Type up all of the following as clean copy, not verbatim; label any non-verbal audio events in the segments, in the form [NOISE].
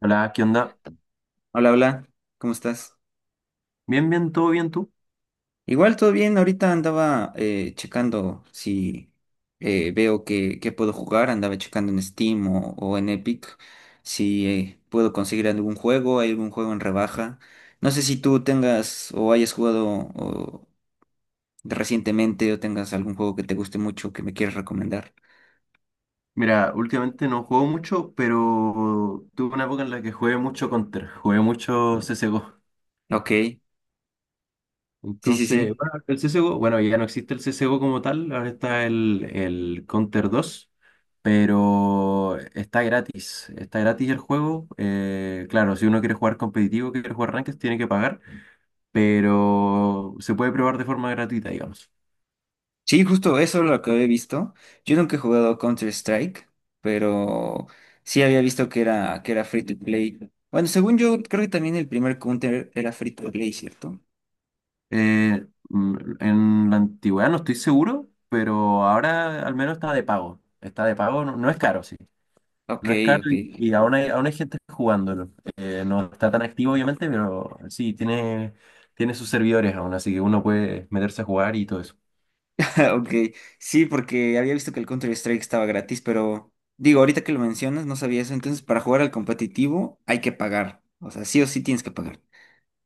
Hola, ¿qué onda? Hola, hola, ¿cómo estás? Bien, bien, todo bien, tú. Igual todo bien, ahorita andaba checando si veo que puedo jugar, andaba checando en Steam o en Epic si puedo conseguir algún juego, hay algún juego en rebaja. No sé si tú tengas o hayas jugado o, recientemente o tengas algún juego que te guste mucho que me quieras recomendar. Mira, últimamente no juego mucho, pero tuve una época en la que jugué mucho Counter, jugué mucho CSGO. Ok, sí, sí, Entonces, sí. bueno, el CSGO, bueno, ya no existe el CSGO como tal, ahora está el Counter 2, pero está gratis el juego. Claro, si uno quiere jugar competitivo, quiere jugar ranked, tiene que pagar, pero se puede probar de forma gratuita, digamos. Sí, justo eso es lo que había visto. Yo nunca he jugado Counter-Strike, pero sí había visto que era free to play. Bueno, según yo, creo que también el primer Counter era free to play, ¿cierto? Eh, mm, en la antigüedad no estoy seguro, pero ahora al menos está de pago. Está de pago, no, no es caro, sí. Ok, No es caro ok. Y aún hay gente jugándolo. No está tan activo, obviamente, pero sí, tiene sus servidores aún, así que uno puede meterse a jugar y todo eso. [LAUGHS] Ok, sí, porque había visto que el Counter-Strike estaba gratis, pero digo, ahorita que lo mencionas, no sabía eso. Entonces, para jugar al competitivo hay que pagar. O sea, sí o sí tienes que pagar.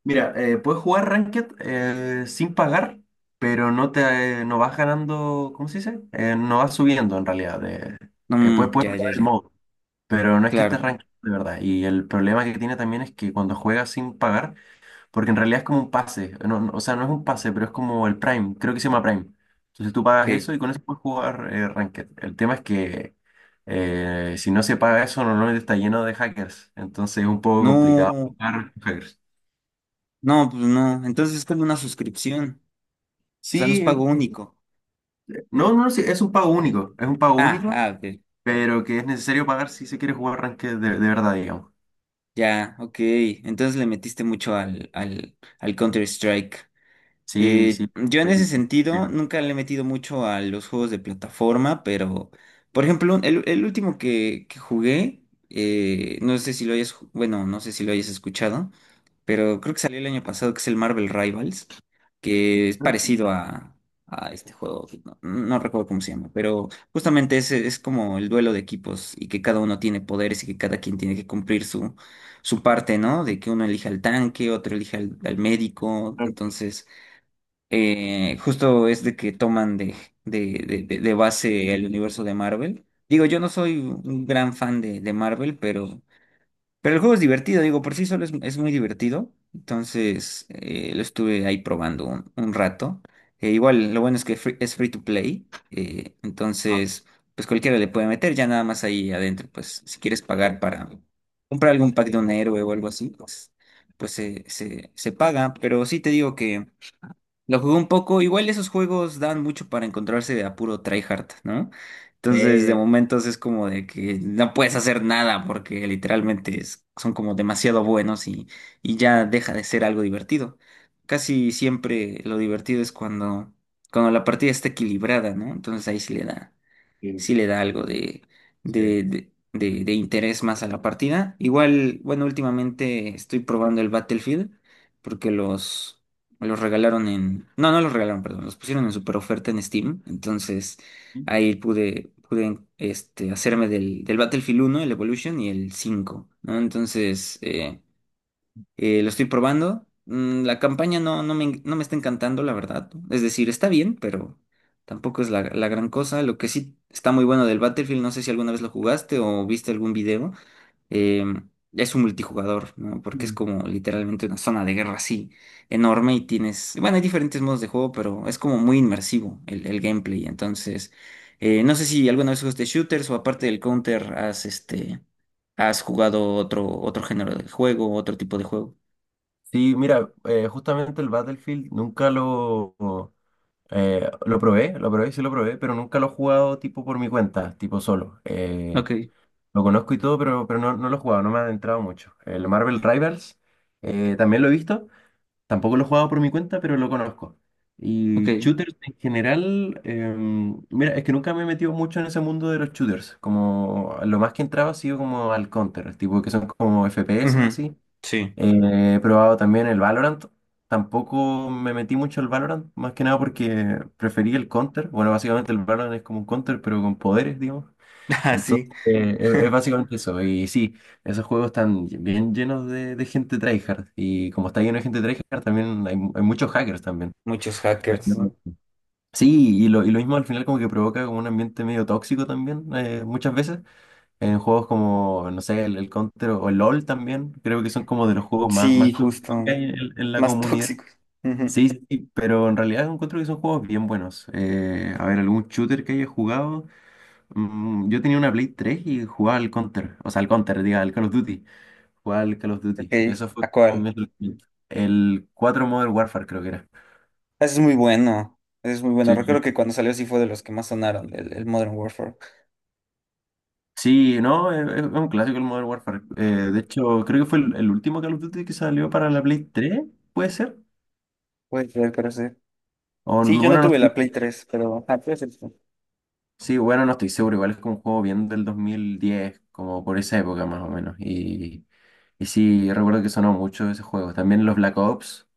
Mira, puedes jugar Ranked sin pagar, pero no vas ganando. ¿Cómo se dice? No vas subiendo en realidad. eh, No, eh, puedes, mm, ya, puedes ya, jugar el ya. modo. Pero no es que esté Claro, rankeado de verdad. Y el problema que tiene también es que cuando juega sin pagar, porque en realidad es como un pase. No, o sea, no es un pase, pero es como el Prime. Creo que se llama Prime. Entonces tú pagas eso ok. y con eso puedes jugar Ranked. El tema es que si no se paga eso, normalmente está lleno de hackers. Entonces es un poco complicado No, jugar con hackers. no, pues no. Entonces es como una suscripción. O sea, no es Sí, pago único. no, no, sí, es un pago único. Es un pago Ah, único, ah, ok. pero que es necesario pagar si se quiere jugar Ranked de verdad, digamos. Ya, ok. Entonces le metiste mucho al Counter-Strike. Sí, sí. Yo en ese metí- sentido nunca le he metido mucho a los juegos de plataforma, pero, por ejemplo, el último que jugué, no sé si lo hayas, bueno, no sé si lo hayas escuchado, pero creo que salió el año pasado, que es el Marvel Rivals, que es parecido [LAUGHS] a este juego, que no, no recuerdo cómo se llama, pero justamente es como el duelo de equipos y que cada uno tiene poderes y que cada quien tiene que cumplir su, su parte, ¿no? De que uno elija al tanque, otro elija al médico, entonces justo es de que toman de, de base el universo de Marvel. Digo, yo no soy un gran fan de Marvel, pero el juego es divertido, digo, por sí solo es muy divertido. Entonces, lo estuve ahí probando un rato. Igual, lo bueno es que es free to play. eh, Claro. entonces, pues cualquiera le puede meter, ya nada más ahí adentro. Pues si quieres pagar para comprar algún pack de un héroe o algo así, pues, pues se paga. Pero sí te digo lo jugué un poco, igual esos juegos dan mucho para encontrarse a puro tryhard, ¿no? Entonces, de Eh, momentos es como de que no puedes hacer nada porque literalmente son como demasiado buenos y ya deja de ser algo divertido. Casi siempre lo divertido es cuando, cuando la partida está equilibrada, ¿no? Entonces ahí sí. sí le da algo de, Sí. de interés más a la partida. Igual, bueno, últimamente estoy probando el Battlefield porque los regalaron en... No, no los regalaron, perdón, los pusieron en super oferta en Steam. Entonces ahí pude, pude este, hacerme del Battlefield uno el Evolution y el 5 ¿no? Entonces... lo estoy probando. Mm, la campaña no, no me, no me está encantando, la verdad. Es decir, está bien, pero tampoco es la, la gran cosa. Lo que sí está muy bueno del Battlefield, no sé si alguna vez lo jugaste o viste algún video, eh, es un multijugador, ¿no? Porque es Mm. como literalmente una zona de guerra así enorme y tienes, bueno, hay diferentes modos de juego, pero es como muy inmersivo el gameplay. Entonces, no sé si alguna vez jugaste shooters o aparte del Counter has, este, has jugado otro, otro género de juego, otro tipo de juego. Sí, mira, justamente el Battlefield nunca lo sí lo probé, pero nunca lo he jugado tipo por mi cuenta, tipo solo. Ok, Lo conozco y todo, pero, no, no lo he jugado, no me ha adentrado mucho. El Marvel Rivals también lo he visto. Tampoco lo he jugado por mi cuenta, pero lo conozco. Y ok. shooters en general, mira, es que nunca me he metido mucho en ese mundo de los shooters. Como lo más que entraba ha sido como al Counter, tipo que son como FPS Ujú, así. sí, He probado también el Valorant. Tampoco me metí mucho al Valorant, más que nada porque preferí el Counter. Bueno, básicamente el Valorant es como un Counter, pero con poderes, digamos. [LAUGHS] Entonces, así. Es [LAUGHS] básicamente eso. Y sí, esos juegos están bien llenos de, gente tryhard. Y como está lleno de gente tryhard, también hay muchos hackers también. Muchos Pero hackers. ¿No? sí, y lo mismo al final como que provoca como un ambiente medio tóxico también, muchas veces. En juegos como, no sé, el Counter o el LOL también, creo que son como de los juegos más, Sí, más tóxicos que justo. hay en, la Más [LAUGHS] comunidad. tóxicos. Ujú, Sí, sí, sí, pero en realidad encuentro que son juegos bien buenos. A ver, algún shooter que haya jugado. Yo tenía una Play 3 y jugaba al Counter, o sea, al Counter, diga, al Call of Duty. Jugaba al Call of ok, Duty. Eso fue ¿a como mi cuál? adolescencia. El 4 Modern Warfare creo que era. Ese es muy bueno. Ese es muy bueno. Sí, sí. Recuerdo que cuando salió sí fue de los que más sonaron, el Modern Warfare. Sí, no, es un clásico el Modern Warfare. De hecho, creo que fue el último Call of Duty que salió para la Play 3, ¿puede ser? Puede ser, pero sí. O, Sí, yo no bueno, no tuve estoy, la Play 3, pero... Ah, puede ser, sí. sí, bueno, no estoy seguro. Igual es como un juego bien del 2010, como por esa época más o menos. Y sí, recuerdo que sonó mucho ese juego. También los Black Ops.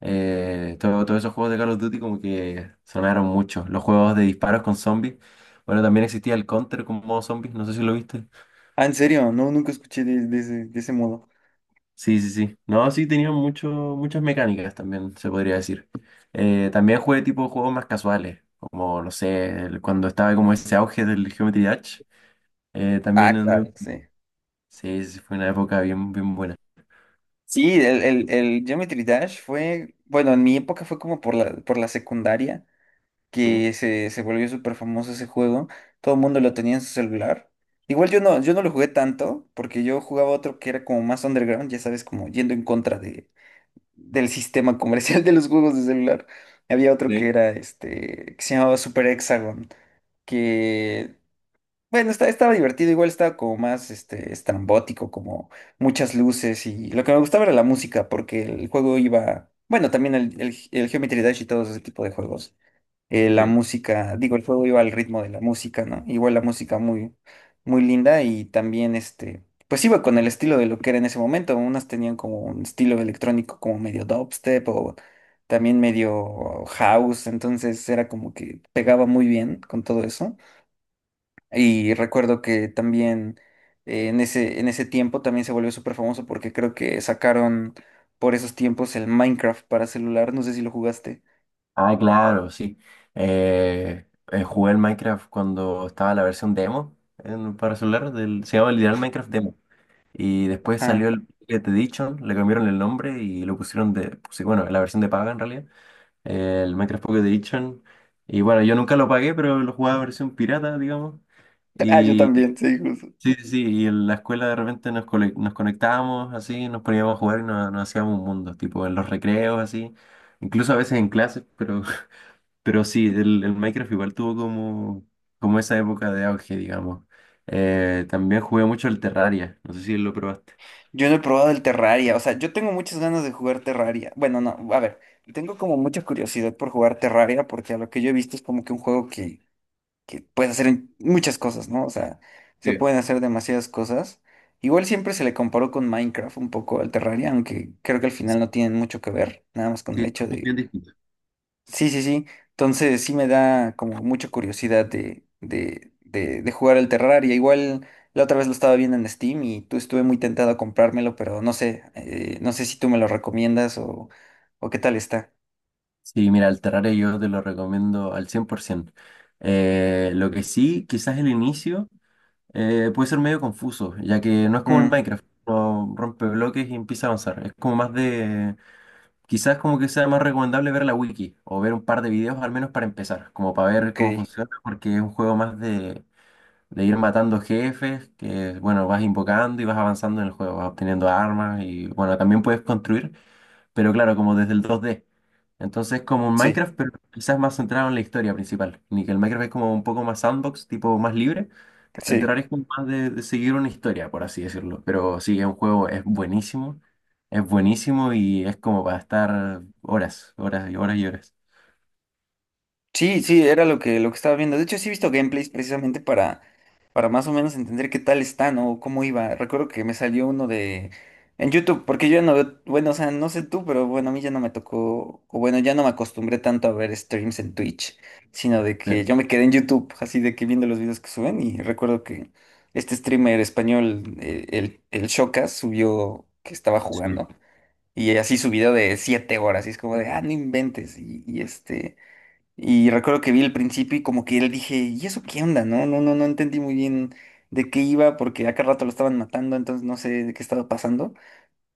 Todos esos juegos de Call of Duty como que sonaron mucho. Los juegos de disparos con zombies. Bueno, también existía el Counter con modo zombies, no sé si lo viste. Ah, ¿en serio? No, nunca escuché de ese modo. Sí, sí, sí. No, sí, tenían mucho, muchas mecánicas también, se podría decir. También jugué tipo juegos más casuales, como, no sé, cuando estaba como ese auge del Geometry Dash. eh, Ah, también anduve- claro, sí. Sí, sí, sí, fue una época bien, bien buena. Sí, el Geometry Dash fue... Bueno, en mi época fue como por la secundaria. Sí, Que se volvió súper famoso ese juego. Todo el mundo lo tenía en su celular. Igual yo no, yo no lo jugué tanto, porque yo jugaba otro que era como más underground, ya sabes, como yendo en contra de, del sistema comercial [LAUGHS] de los juegos de celular. Había otro que sí, era este, que se llamaba Super Hexagon, que, bueno, estaba divertido, igual estaba como más este, estrambótico, como muchas luces, y lo que me gustaba era la música, porque el juego iba, bueno, también el Geometry Dash y todo ese tipo de juegos la sí. música, digo, el fuego iba al ritmo de la música, ¿no? Igual la música muy, muy linda y también este, pues iba con el estilo de lo que era en ese momento. Unas tenían como un estilo electrónico como medio dubstep o también medio house, entonces era como que pegaba muy bien con todo eso. Y recuerdo que también en ese tiempo también se volvió súper famoso porque creo que sacaron por esos tiempos el Minecraft para celular, no sé si lo jugaste. Ah, claro, sí. Jugué el Minecraft cuando estaba la versión demo para celular, se llama literal Minecraft Demo. Y después salió Ajá. el [LAUGHS] Pocket Edition, le cambiaron el nombre y lo pusieron de, pues, bueno, la versión de paga en realidad, el Minecraft Pocket Edition. Y bueno, yo nunca lo pagué, pero lo jugaba versión pirata, digamos. Ah, yo Y también, sí, justo. sí, sí, sí, y en la escuela de repente nos conectábamos así, nos poníamos a jugar y nos hacíamos un mundo, tipo en los recreos así, incluso a veces en clases, pero sí, el Minecraft igual tuvo como, como esa época de auge, digamos. También jugué mucho el Terraria, no sé si lo probaste. Yo no he probado el Terraria, o sea, yo tengo muchas ganas de jugar Terraria. Bueno, no, a ver, tengo como mucha curiosidad por jugar Terraria porque a lo que yo he visto es como que un juego que puede hacer muchas cosas, ¿no? O sea, se Sí, pueden hacer demasiadas cosas. Igual siempre se le comparó con Minecraft un poco al Terraria, aunque creo que al sí. final no tienen mucho que ver, nada más con el Sí, hecho bien distinto. sí, sí, sí. Entonces sí me da como mucha curiosidad de, de jugar el Terraria. Igual la otra vez lo estaba viendo en Steam y tú estuve muy tentado a comprármelo, pero no sé, no sé si tú me lo recomiendas o qué tal está. Sí, mira, el Terraria yo te lo recomiendo al 100%. Lo que sí, quizás el inicio puede ser medio confuso, ya que no es como el Mm, Minecraft, uno rompe bloques y empieza a avanzar. Es como más de, quizás como que sea más recomendable ver la wiki o ver un par de videos al menos para empezar, como para ver cómo ok, funciona, porque es un juego más de ir matando jefes que, bueno, vas invocando y vas avanzando en el juego, vas obteniendo armas y, bueno, también puedes construir, pero claro, como desde el 2D. Entonces, como un sí, Minecraft, pero quizás más centrado en la historia principal. Ni que el Minecraft es como un poco más sandbox, tipo más libre. El sí. Terraria es como más de, seguir una historia, por así decirlo. Pero sí, es un juego, es buenísimo. Es buenísimo y es como para estar horas, horas y horas y horas. Sí, sí, era lo que estaba viendo. De hecho, sí he visto gameplays precisamente para más o menos entender qué tal está, ¿no? O cómo iba. Recuerdo que me salió uno de... En YouTube, porque yo ya no veo... Bueno, o sea, no sé tú, pero bueno, a mí ya no me tocó... O bueno, ya no me acostumbré tanto a ver streams en Twitch, sino de Claro. que yo me quedé en YouTube, así de que viendo los videos que suben. Y recuerdo que este streamer español, el Shokas, subió que estaba Sí. jugando. Y así su video de 7 horas, y es como de, ah, no inventes. Y este... Y recuerdo que vi el principio y como que él dije, ¿y eso qué onda? No, no, no, no entendí muy bien de qué iba porque a cada rato lo estaban matando, entonces no sé de qué estaba pasando.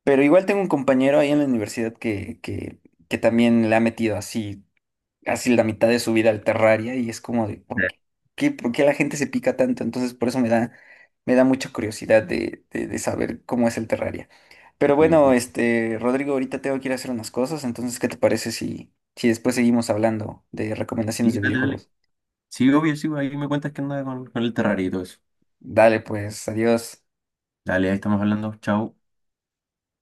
Pero igual tengo un compañero ahí en la universidad que también le ha metido así casi la mitad de su vida al Terraria y es como de, ¿por qué, por qué la gente se pica tanto? Entonces por eso me da mucha curiosidad de, de saber cómo es el Terraria. Pero Sí, bueno, sí. este, Rodrigo, ahorita tengo que ir a hacer unas cosas, entonces, ¿qué te parece si, si después seguimos hablando de recomendaciones Sí, de dale, dale. videojuegos? Sí, obvio, sí, ahí me cuentas que anda con el Terraria y todo eso. Dale, pues, adiós. Dale, ahí estamos hablando. Chau.